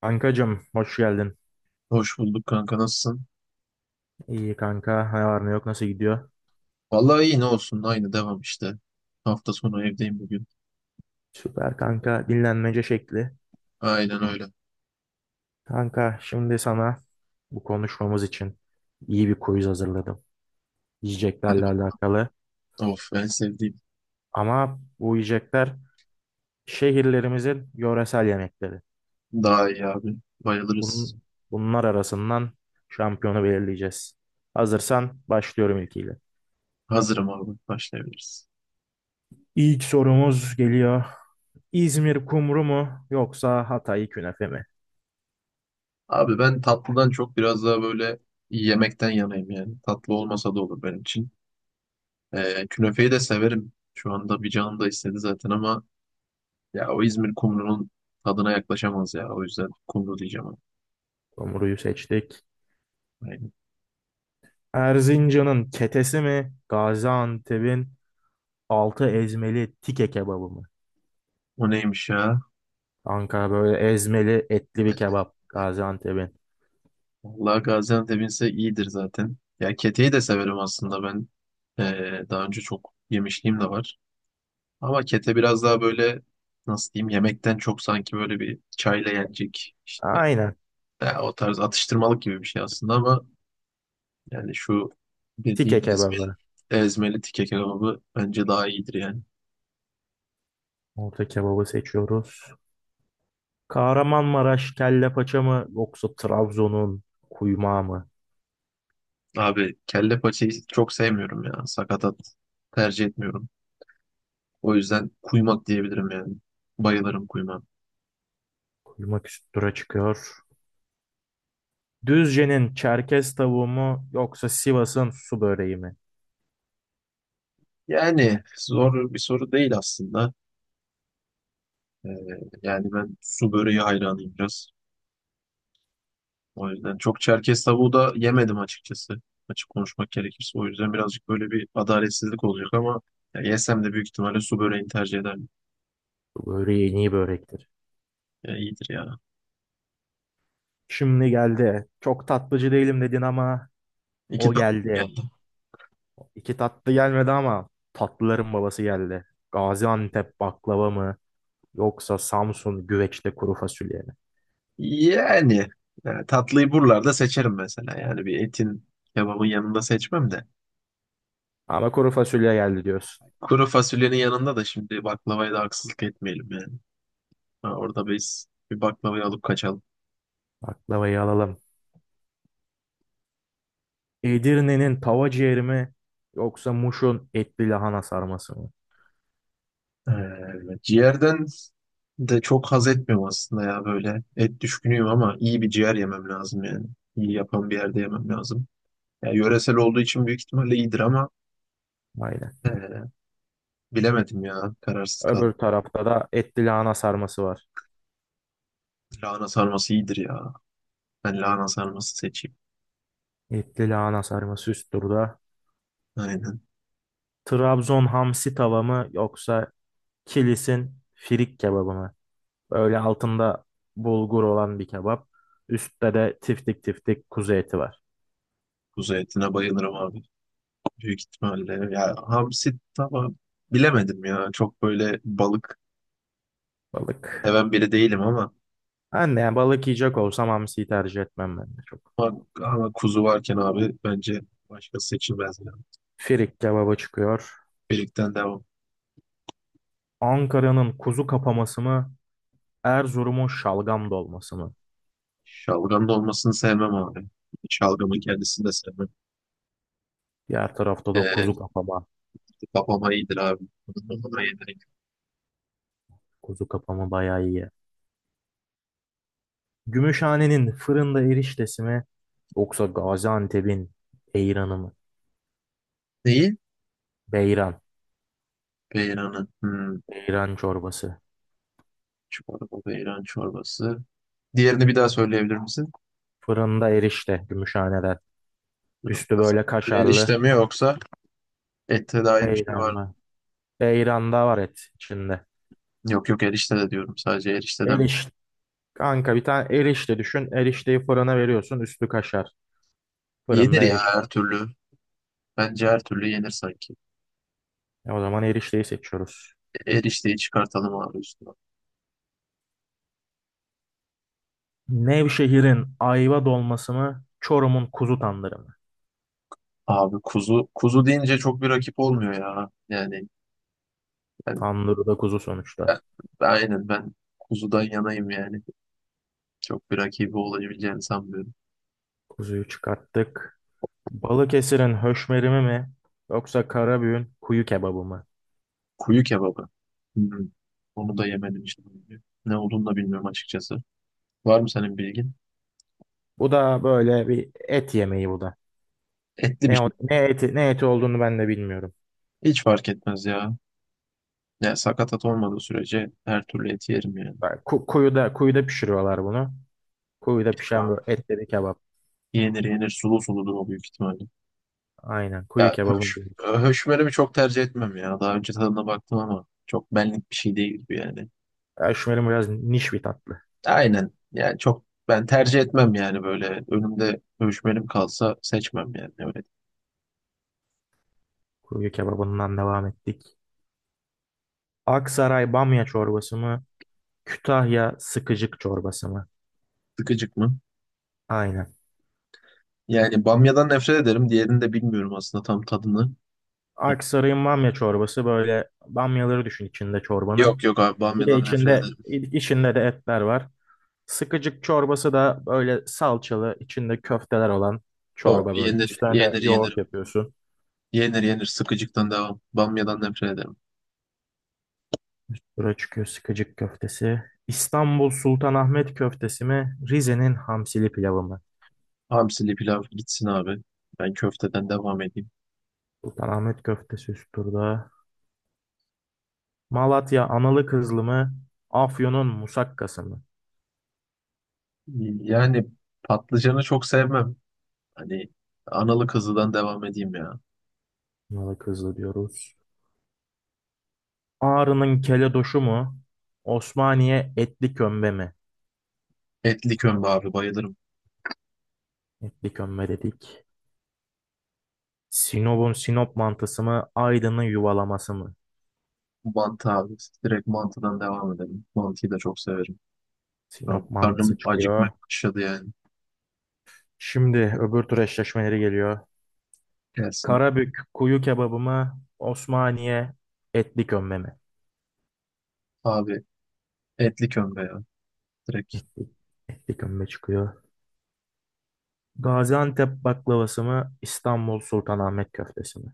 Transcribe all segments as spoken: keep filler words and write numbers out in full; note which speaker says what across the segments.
Speaker 1: Kankacım hoş geldin.
Speaker 2: Hoş bulduk kanka, nasılsın?
Speaker 1: İyi kanka. Ne var ne yok nasıl gidiyor?
Speaker 2: Vallahi iyi, ne olsun, aynı devam işte. Hafta sonu evdeyim bugün.
Speaker 1: Süper kanka. Dinlenmece şekli.
Speaker 2: Aynen öyle.
Speaker 1: Kanka şimdi sana bu konuşmamız için iyi bir quiz hazırladım.
Speaker 2: Hadi,
Speaker 1: Yiyeceklerle alakalı.
Speaker 2: of, en sevdiğim.
Speaker 1: Ama bu yiyecekler şehirlerimizin yöresel yemekleri.
Speaker 2: Daha iyi abi. Bayılırız.
Speaker 1: Bunun, bunlar arasından şampiyonu belirleyeceğiz. Hazırsan başlıyorum ilkiyle.
Speaker 2: Hazırım abi, başlayabiliriz.
Speaker 1: İlk sorumuz geliyor. İzmir kumru mu yoksa Hatay künefe mi?
Speaker 2: Abi, ben tatlıdan çok biraz daha böyle yemekten yanayım yani. Tatlı olmasa da olur benim için. Ee, künefeyi de severim. Şu anda bir canım da istedi zaten, ama ya o İzmir kumrunun tadına yaklaşamaz ya. O yüzden kumru diyeceğim abi.
Speaker 1: Kumruyu seçtik.
Speaker 2: Aynen.
Speaker 1: Erzincan'ın ketesi mi? Gaziantep'in altı ezmeli tike kebabı mı?
Speaker 2: O neymiş ya?
Speaker 1: Ankara böyle ezmeli etli bir kebap. Gaziantep'in.
Speaker 2: Vallahi Gaziantep'inse iyidir zaten. Ya keteyi de severim aslında ben. Ee, daha önce çok yemişliğim de var. Ama kete biraz daha böyle, nasıl diyeyim, yemekten çok sanki böyle bir çayla yenecek işte,
Speaker 1: Aynen.
Speaker 2: ya o tarz atıştırmalık gibi bir şey aslında, ama yani şu
Speaker 1: Tike
Speaker 2: dediğin ezmeli,
Speaker 1: kebabı.
Speaker 2: ezmeli tike kebabı bence daha iyidir yani.
Speaker 1: Orta kebabı seçiyoruz. Kahramanmaraş kelle paça mı? Yoksa Trabzon'un kuymağı mı?
Speaker 2: Abi kelle paçayı çok sevmiyorum ya. Sakatat tercih etmiyorum. O yüzden kuymak diyebilirim yani. Bayılırım kuymağa.
Speaker 1: Kuymak üst tura çıkıyor. Düzce'nin Çerkez tavuğu mu? Yoksa Sivas'ın su böreği mi?
Speaker 2: Yani zor bir soru değil aslında. Ee, Yani ben su böreği hayranıyım biraz. O yüzden çok Çerkez tavuğu da yemedim açıkçası. Açık konuşmak gerekirse. O yüzden birazcık böyle bir adaletsizlik olacak, ama ya yesem de büyük ihtimalle su böreğini tercih ederim.
Speaker 1: Su böreği en iyi börektir.
Speaker 2: Ya iyidir ya.
Speaker 1: Şimdi geldi. Çok tatlıcı değilim dedin ama
Speaker 2: İki
Speaker 1: o
Speaker 2: tatlı
Speaker 1: geldi.
Speaker 2: geldi.
Speaker 1: İki tatlı gelmedi ama tatlıların babası geldi. Gaziantep baklava mı yoksa Samsun güveçte kuru fasulye mi?
Speaker 2: Yani, Yani tatlıyı buralarda seçerim mesela. Yani bir etin, kebabın yanında seçmem de.
Speaker 1: Ama kuru fasulye geldi diyorsun.
Speaker 2: Kuru fasulyenin yanında da şimdi baklavaya da haksızlık etmeyelim yani. Ha, orada biz bir baklavayı alıp kaçalım.
Speaker 1: Baklavayı alalım. Edirne'nin tava ciğeri mi yoksa Muş'un etli lahana sarması mı?
Speaker 2: Ee, evet, ciğerden de çok haz etmiyorum aslında ya böyle. Et düşkünüyüm ama iyi bir ciğer yemem lazım yani. İyi yapan bir yerde yemem lazım. Ya, yöresel olduğu için büyük ihtimalle iyidir ama
Speaker 1: Aynen.
Speaker 2: ee, bilemedim ya. Kararsız kaldım.
Speaker 1: Öbür tarafta da etli lahana sarması var.
Speaker 2: Lahana sarması iyidir ya. Ben lahana sarması seçeyim.
Speaker 1: Etli lahana sarması üst turda.
Speaker 2: Aynen.
Speaker 1: Trabzon hamsi tava mı yoksa Kilis'in firik kebabı mı? Böyle altında bulgur olan bir kebap. Üstte de tiftik tiftik kuzu eti var.
Speaker 2: Kuzu etine bayılırım abi. Büyük ihtimalle. Ya hamsi tamam. Bilemedim ya. Çok böyle balık
Speaker 1: Balık.
Speaker 2: seven biri değilim ama
Speaker 1: Ben de yani balık yiyecek olsam hamsiyi tercih etmem ben de çok.
Speaker 2: Ama, ama kuzu varken abi bence başka seçilmez yani.
Speaker 1: Firik kebaba çıkıyor.
Speaker 2: Birlikten devam.
Speaker 1: Ankara'nın kuzu kapaması mı? Erzurum'un şalgam dolması mı?
Speaker 2: Şalgam da olmasını sevmem abi. Şalgamın kendisini de sevmem.
Speaker 1: Diğer tarafta da
Speaker 2: Ee,
Speaker 1: kuzu kapama.
Speaker 2: Babama iyidir abi. Babama iyidir.
Speaker 1: Kuzu kapama bayağı iyi. Gümüşhane'nin fırında eriştesi mi? Yoksa Gaziantep'in beyranı mı?
Speaker 2: Neyi?
Speaker 1: Beyran.
Speaker 2: Beyranı. Hmm,
Speaker 1: Beyran çorbası.
Speaker 2: çorba, beyran çorbası. Diğerini bir daha söyleyebilir misin?
Speaker 1: Fırında erişte Gümüşhane'den. Üstü böyle kaşarlı.
Speaker 2: Erişte mi, yoksa ette dair bir şey
Speaker 1: Beyran
Speaker 2: var mı?
Speaker 1: mı? Beyran'da var et içinde.
Speaker 2: Yok yok erişte de diyorum, sadece erişteden.
Speaker 1: Eriş. Kanka bir tane erişte düşün. Erişteyi fırına veriyorsun. Üstü kaşar. Fırında
Speaker 2: Yenir ya
Speaker 1: erişte.
Speaker 2: her türlü. Bence her türlü yenir sanki.
Speaker 1: E o zaman erişteyi seçiyoruz.
Speaker 2: Erişteyi çıkartalım abi üstüne.
Speaker 1: Nevşehir'in ayva dolması mı? Çorum'un kuzu tandırı mı?
Speaker 2: Abi, kuzu kuzu deyince çok bir rakip olmuyor ya. Yani ben,
Speaker 1: Tandırı da kuzu sonuçta.
Speaker 2: ben, ben- aynen, ben kuzudan yanayım yani. Çok bir rakibi olabileceğini sanmıyorum.
Speaker 1: Kuzuyu çıkarttık. Balıkesir'in höşmerimi mi? Yoksa Karabüğün kuyu kebabı mı?
Speaker 2: Kuyu kebabı. Hmm. Onu da yemedim işte. Ne olduğunu da bilmiyorum açıkçası. Var mı senin bilgin?
Speaker 1: Bu da böyle bir et yemeği bu da.
Speaker 2: Etli bir
Speaker 1: Ne, o-
Speaker 2: şey.
Speaker 1: ne eti, ne eti olduğunu ben de bilmiyorum.
Speaker 2: Hiç fark etmez ya. Ya sakatat olmadığı sürece her türlü eti yerim yani.
Speaker 1: Yani Ku- kuyuda, kuyuda pişiriyorlar bunu. Kuyuda pişen
Speaker 2: Ya,
Speaker 1: böyle etleri kebap.
Speaker 2: yenir yenir, sulu suludur o büyük ihtimalle.
Speaker 1: Aynen kuyu
Speaker 2: Ya
Speaker 1: kebabını
Speaker 2: höş,
Speaker 1: diyoruz.
Speaker 2: höşmerimi çok tercih etmem ya. Daha önce tadına baktım ama çok benlik bir şey değil bu yani.
Speaker 1: Kaşmerim biraz niş bir tatlı.
Speaker 2: Aynen. Yani çok ben tercih etmem yani, böyle önümde dövüşmelim kalsa seçmem yani öyle.
Speaker 1: Kuyu kebabından devam ettik. Aksaray bamya çorbası mı? Kütahya sıkıcık çorbası mı?
Speaker 2: Sıkıcık mı?
Speaker 1: Aynen.
Speaker 2: Yani bamyadan nefret ederim. Diğerini de bilmiyorum aslında tam tadını. Yani
Speaker 1: Aksaray'ın bamya çorbası böyle bamyaları düşün içinde çorbanın.
Speaker 2: Yok yok abi
Speaker 1: Bir de
Speaker 2: bamyadan nefret
Speaker 1: içinde
Speaker 2: ederim.
Speaker 1: içinde de etler var. Sıkıcık çorbası da böyle salçalı içinde köfteler olan
Speaker 2: O
Speaker 1: çorba böyle.
Speaker 2: yenir
Speaker 1: Üstüne de
Speaker 2: yenir
Speaker 1: yoğurt
Speaker 2: yenir.
Speaker 1: yapıyorsun.
Speaker 2: Yenir yenir, sıkıcıktan devam. Bamyadan nefret ederim.
Speaker 1: Üst tura çıkıyor sıkıcık köftesi. İstanbul Sultanahmet köftesi mi? Rize'nin hamsili pilavı mı?
Speaker 2: Hamsili pilav gitsin abi. Ben köfteden devam edeyim.
Speaker 1: Sultanahmet köftesi üst turda. Malatya analı kızlı mı? Afyon'un musakkası mı?
Speaker 2: Yani patlıcanı çok sevmem. Hani analı kızıdan devam edeyim ya.
Speaker 1: Analı kızlı diyoruz. Ağrı'nın keledoşu mu? Osmaniye etli kömbe mi?
Speaker 2: Etli kömbe abi, bayılırım.
Speaker 1: Etli kömbe dedik. Sinop'un Sinop mantısı mı? Aydın'ın yuvalaması mı?
Speaker 2: Mantı abi. İşte direkt mantıdan devam edelim. Mantıyı da çok severim. Şu an
Speaker 1: Sinop mantısı
Speaker 2: karnım acıkmaya
Speaker 1: çıkıyor.
Speaker 2: başladı yani.
Speaker 1: Şimdi öbür tur eşleşmeleri geliyor.
Speaker 2: Gelsin abi.
Speaker 1: Karabük kuyu kebabı mı? Osmaniye etli kömbe mi?
Speaker 2: Etli kömbe ya. Direkt.
Speaker 1: Etli, etli kömbe çıkıyor. Gaziantep baklavası mı? İstanbul Sultanahmet köftesi mi?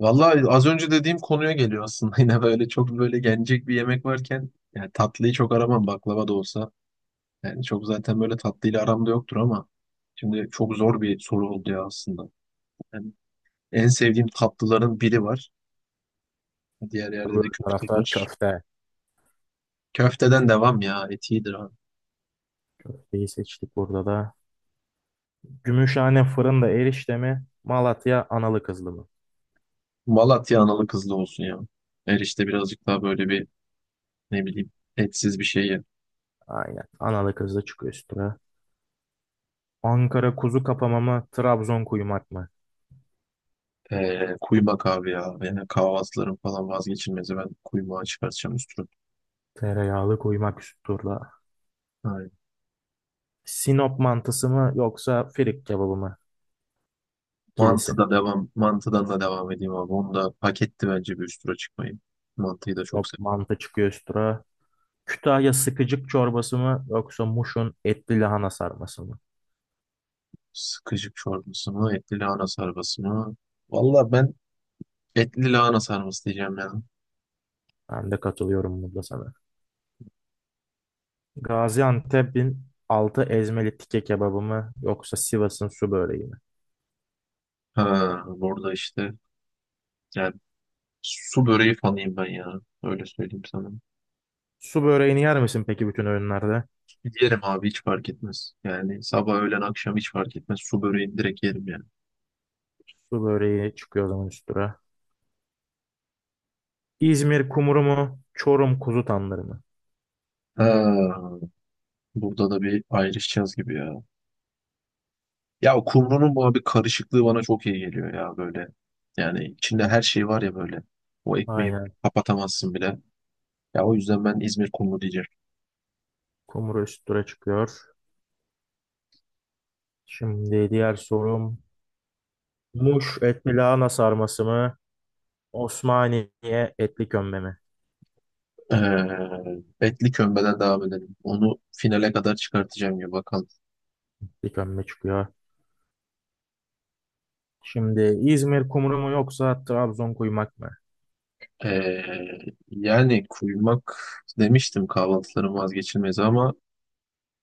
Speaker 2: Vallahi az önce dediğim konuya geliyor aslında. Yine böyle çok böyle yenecek bir yemek varken yani tatlıyı çok aramam, baklava da olsa. Yani çok zaten böyle tatlıyla aramda yoktur, ama şimdi çok zor bir soru oldu ya aslında. Yani en sevdiğim tatlıların biri var. Diğer yerde de
Speaker 1: Öbür
Speaker 2: köfte
Speaker 1: tarafta
Speaker 2: var.
Speaker 1: köfte.
Speaker 2: Köfteden devam ya. Et iyidir abi.
Speaker 1: Köfteyi seçtik burada da. Gümüşhane fırında erişte mi? Malatya analı kızlı mı?
Speaker 2: Malatya analı kızlı olsun ya. Erişte birazcık daha böyle bir, ne bileyim, etsiz bir şey ye.
Speaker 1: Aynen. Analı kızlı çıkıyor üstüne. Ankara kuzu kapama mı? Trabzon kuymak mı?
Speaker 2: Ee, kuymak abi ya. Yani kahvaltıların falan vazgeçilmezi. Ben kuymağı çıkartacağım üstüne.
Speaker 1: Tereyağlı kuymak üst turda.
Speaker 2: Aynen.
Speaker 1: Sinop mantısı mı yoksa firik kebabı mı?
Speaker 2: Mantı
Speaker 1: Kilisi.
Speaker 2: da devam. Mantıdan da devam edeyim abi. Onu da hak etti bence bir üstüne çıkmayı. Mantıyı da çok
Speaker 1: Sinop
Speaker 2: seviyorum.
Speaker 1: mantı çıkıyor üst tura. Kütahya sıkıcık çorbası mı yoksa Muş'un etli lahana sarması mı?
Speaker 2: Sıkışık çorbası mı? Etli lahana sarması mı? Valla ben etli lahana sarması diyeceğim ya.
Speaker 1: Ben de katılıyorum burada sana. Gaziantep'in altı ezmeli tike kebabı mı yoksa Sivas'ın su böreği mi?
Speaker 2: Ha, burada işte yani su böreği fanıyım ben ya. Öyle söyleyeyim sana.
Speaker 1: Su böreğini yer misin peki bütün öğünlerde?
Speaker 2: Yerim abi, hiç fark etmez. Yani sabah, öğlen, akşam hiç fark etmez. Su böreğini direkt yerim yani.
Speaker 1: Su böreği çıkıyor o zaman üstüne. İzmir kumru mu? Çorum kuzu tandırı mı?
Speaker 2: Ha, burada da bir ayrışacağız gibi ya. Ya o kumrunun bu abi karışıklığı bana çok iyi geliyor ya böyle. Yani içinde her şey var ya böyle. O ekmeği
Speaker 1: Aynen.
Speaker 2: kapatamazsın bile. Ya o yüzden ben İzmir kumru diyeceğim.
Speaker 1: Kumru üstüne çıkıyor. Şimdi diğer sorum. Muş etli lahana sarması mı? Osmaniye etli kömbe mi?
Speaker 2: Ee, Etli kömbeden devam edelim. Onu finale kadar çıkartacağım ya bakalım.
Speaker 1: Etli kömbe çıkıyor. Şimdi İzmir kumru mu yoksa Trabzon kuymak mı?
Speaker 2: Ee, Yani kuymak demiştim, kahvaltıların vazgeçilmezi, ama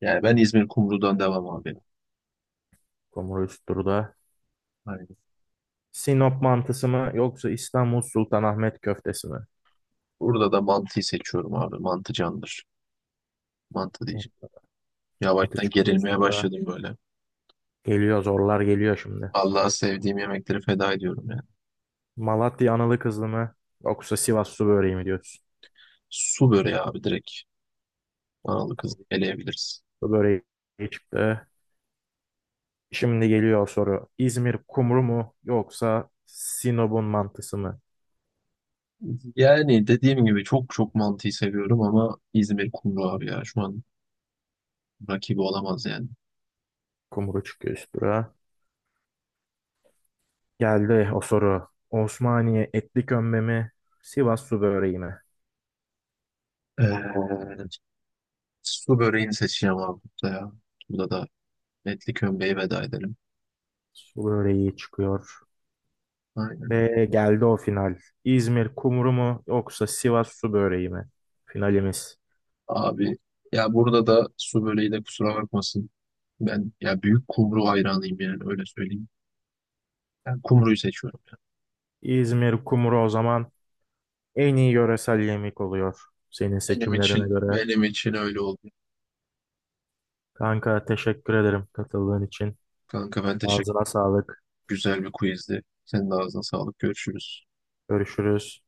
Speaker 2: yani ben İzmir kumrudan devam abi.
Speaker 1: Kumru üst turda.
Speaker 2: Aynen.
Speaker 1: Sinop mantısı mı yoksa İstanbul Sultanahmet köftesi mi?
Speaker 2: Burada da mantıyı seçiyorum abi. Mantı candır. Mantı diyeceğim.
Speaker 1: Hop, mantı
Speaker 2: Yavaştan
Speaker 1: çıktı üst
Speaker 2: gerilmeye
Speaker 1: tura.
Speaker 2: başladım böyle.
Speaker 1: Geliyor zorlar geliyor şimdi.
Speaker 2: Allah'a sevdiğim yemekleri feda ediyorum yani.
Speaker 1: Malatya analı kızlı mı yoksa Sivas su böreği mi diyorsun?
Speaker 2: Su böreği abi, direkt. Analı kızlı eleyebiliriz.
Speaker 1: Su böreği çıktı. Şimdi geliyor soru. İzmir kumru mu yoksa Sinop'un mantısı mı?
Speaker 2: Yani dediğim gibi çok çok mantıyı seviyorum, ama İzmir kumru abi ya. Şu an rakibi olamaz yani.
Speaker 1: Kumru çıkıyor üst tura. Geldi o soru. Osmaniye etli kömbe mi? Sivas su böreği mi?
Speaker 2: Ee, Su böreğini seçeceğim abi burada ya. Burada da etli kömbeyi veda edelim.
Speaker 1: Su böreği çıkıyor.
Speaker 2: Aynen.
Speaker 1: Ve geldi o final. İzmir kumru mu yoksa Sivas su böreği mi? Finalimiz.
Speaker 2: Abi ya, burada da su böreği de kusura bakmasın. Ben ya büyük kumru hayranıyım yani, öyle söyleyeyim. Ben kumruyu seçiyorum ya.
Speaker 1: İzmir kumru o zaman en iyi yöresel yemek oluyor. Senin
Speaker 2: Benim
Speaker 1: seçimlerine
Speaker 2: için,
Speaker 1: göre.
Speaker 2: benim için öyle oldu.
Speaker 1: Kanka teşekkür ederim katıldığın için.
Speaker 2: Kanka ben teşekkür.
Speaker 1: Ağzına sağlık.
Speaker 2: Güzel bir quizdi. Senin de ağzına sağlık. Görüşürüz.
Speaker 1: Görüşürüz.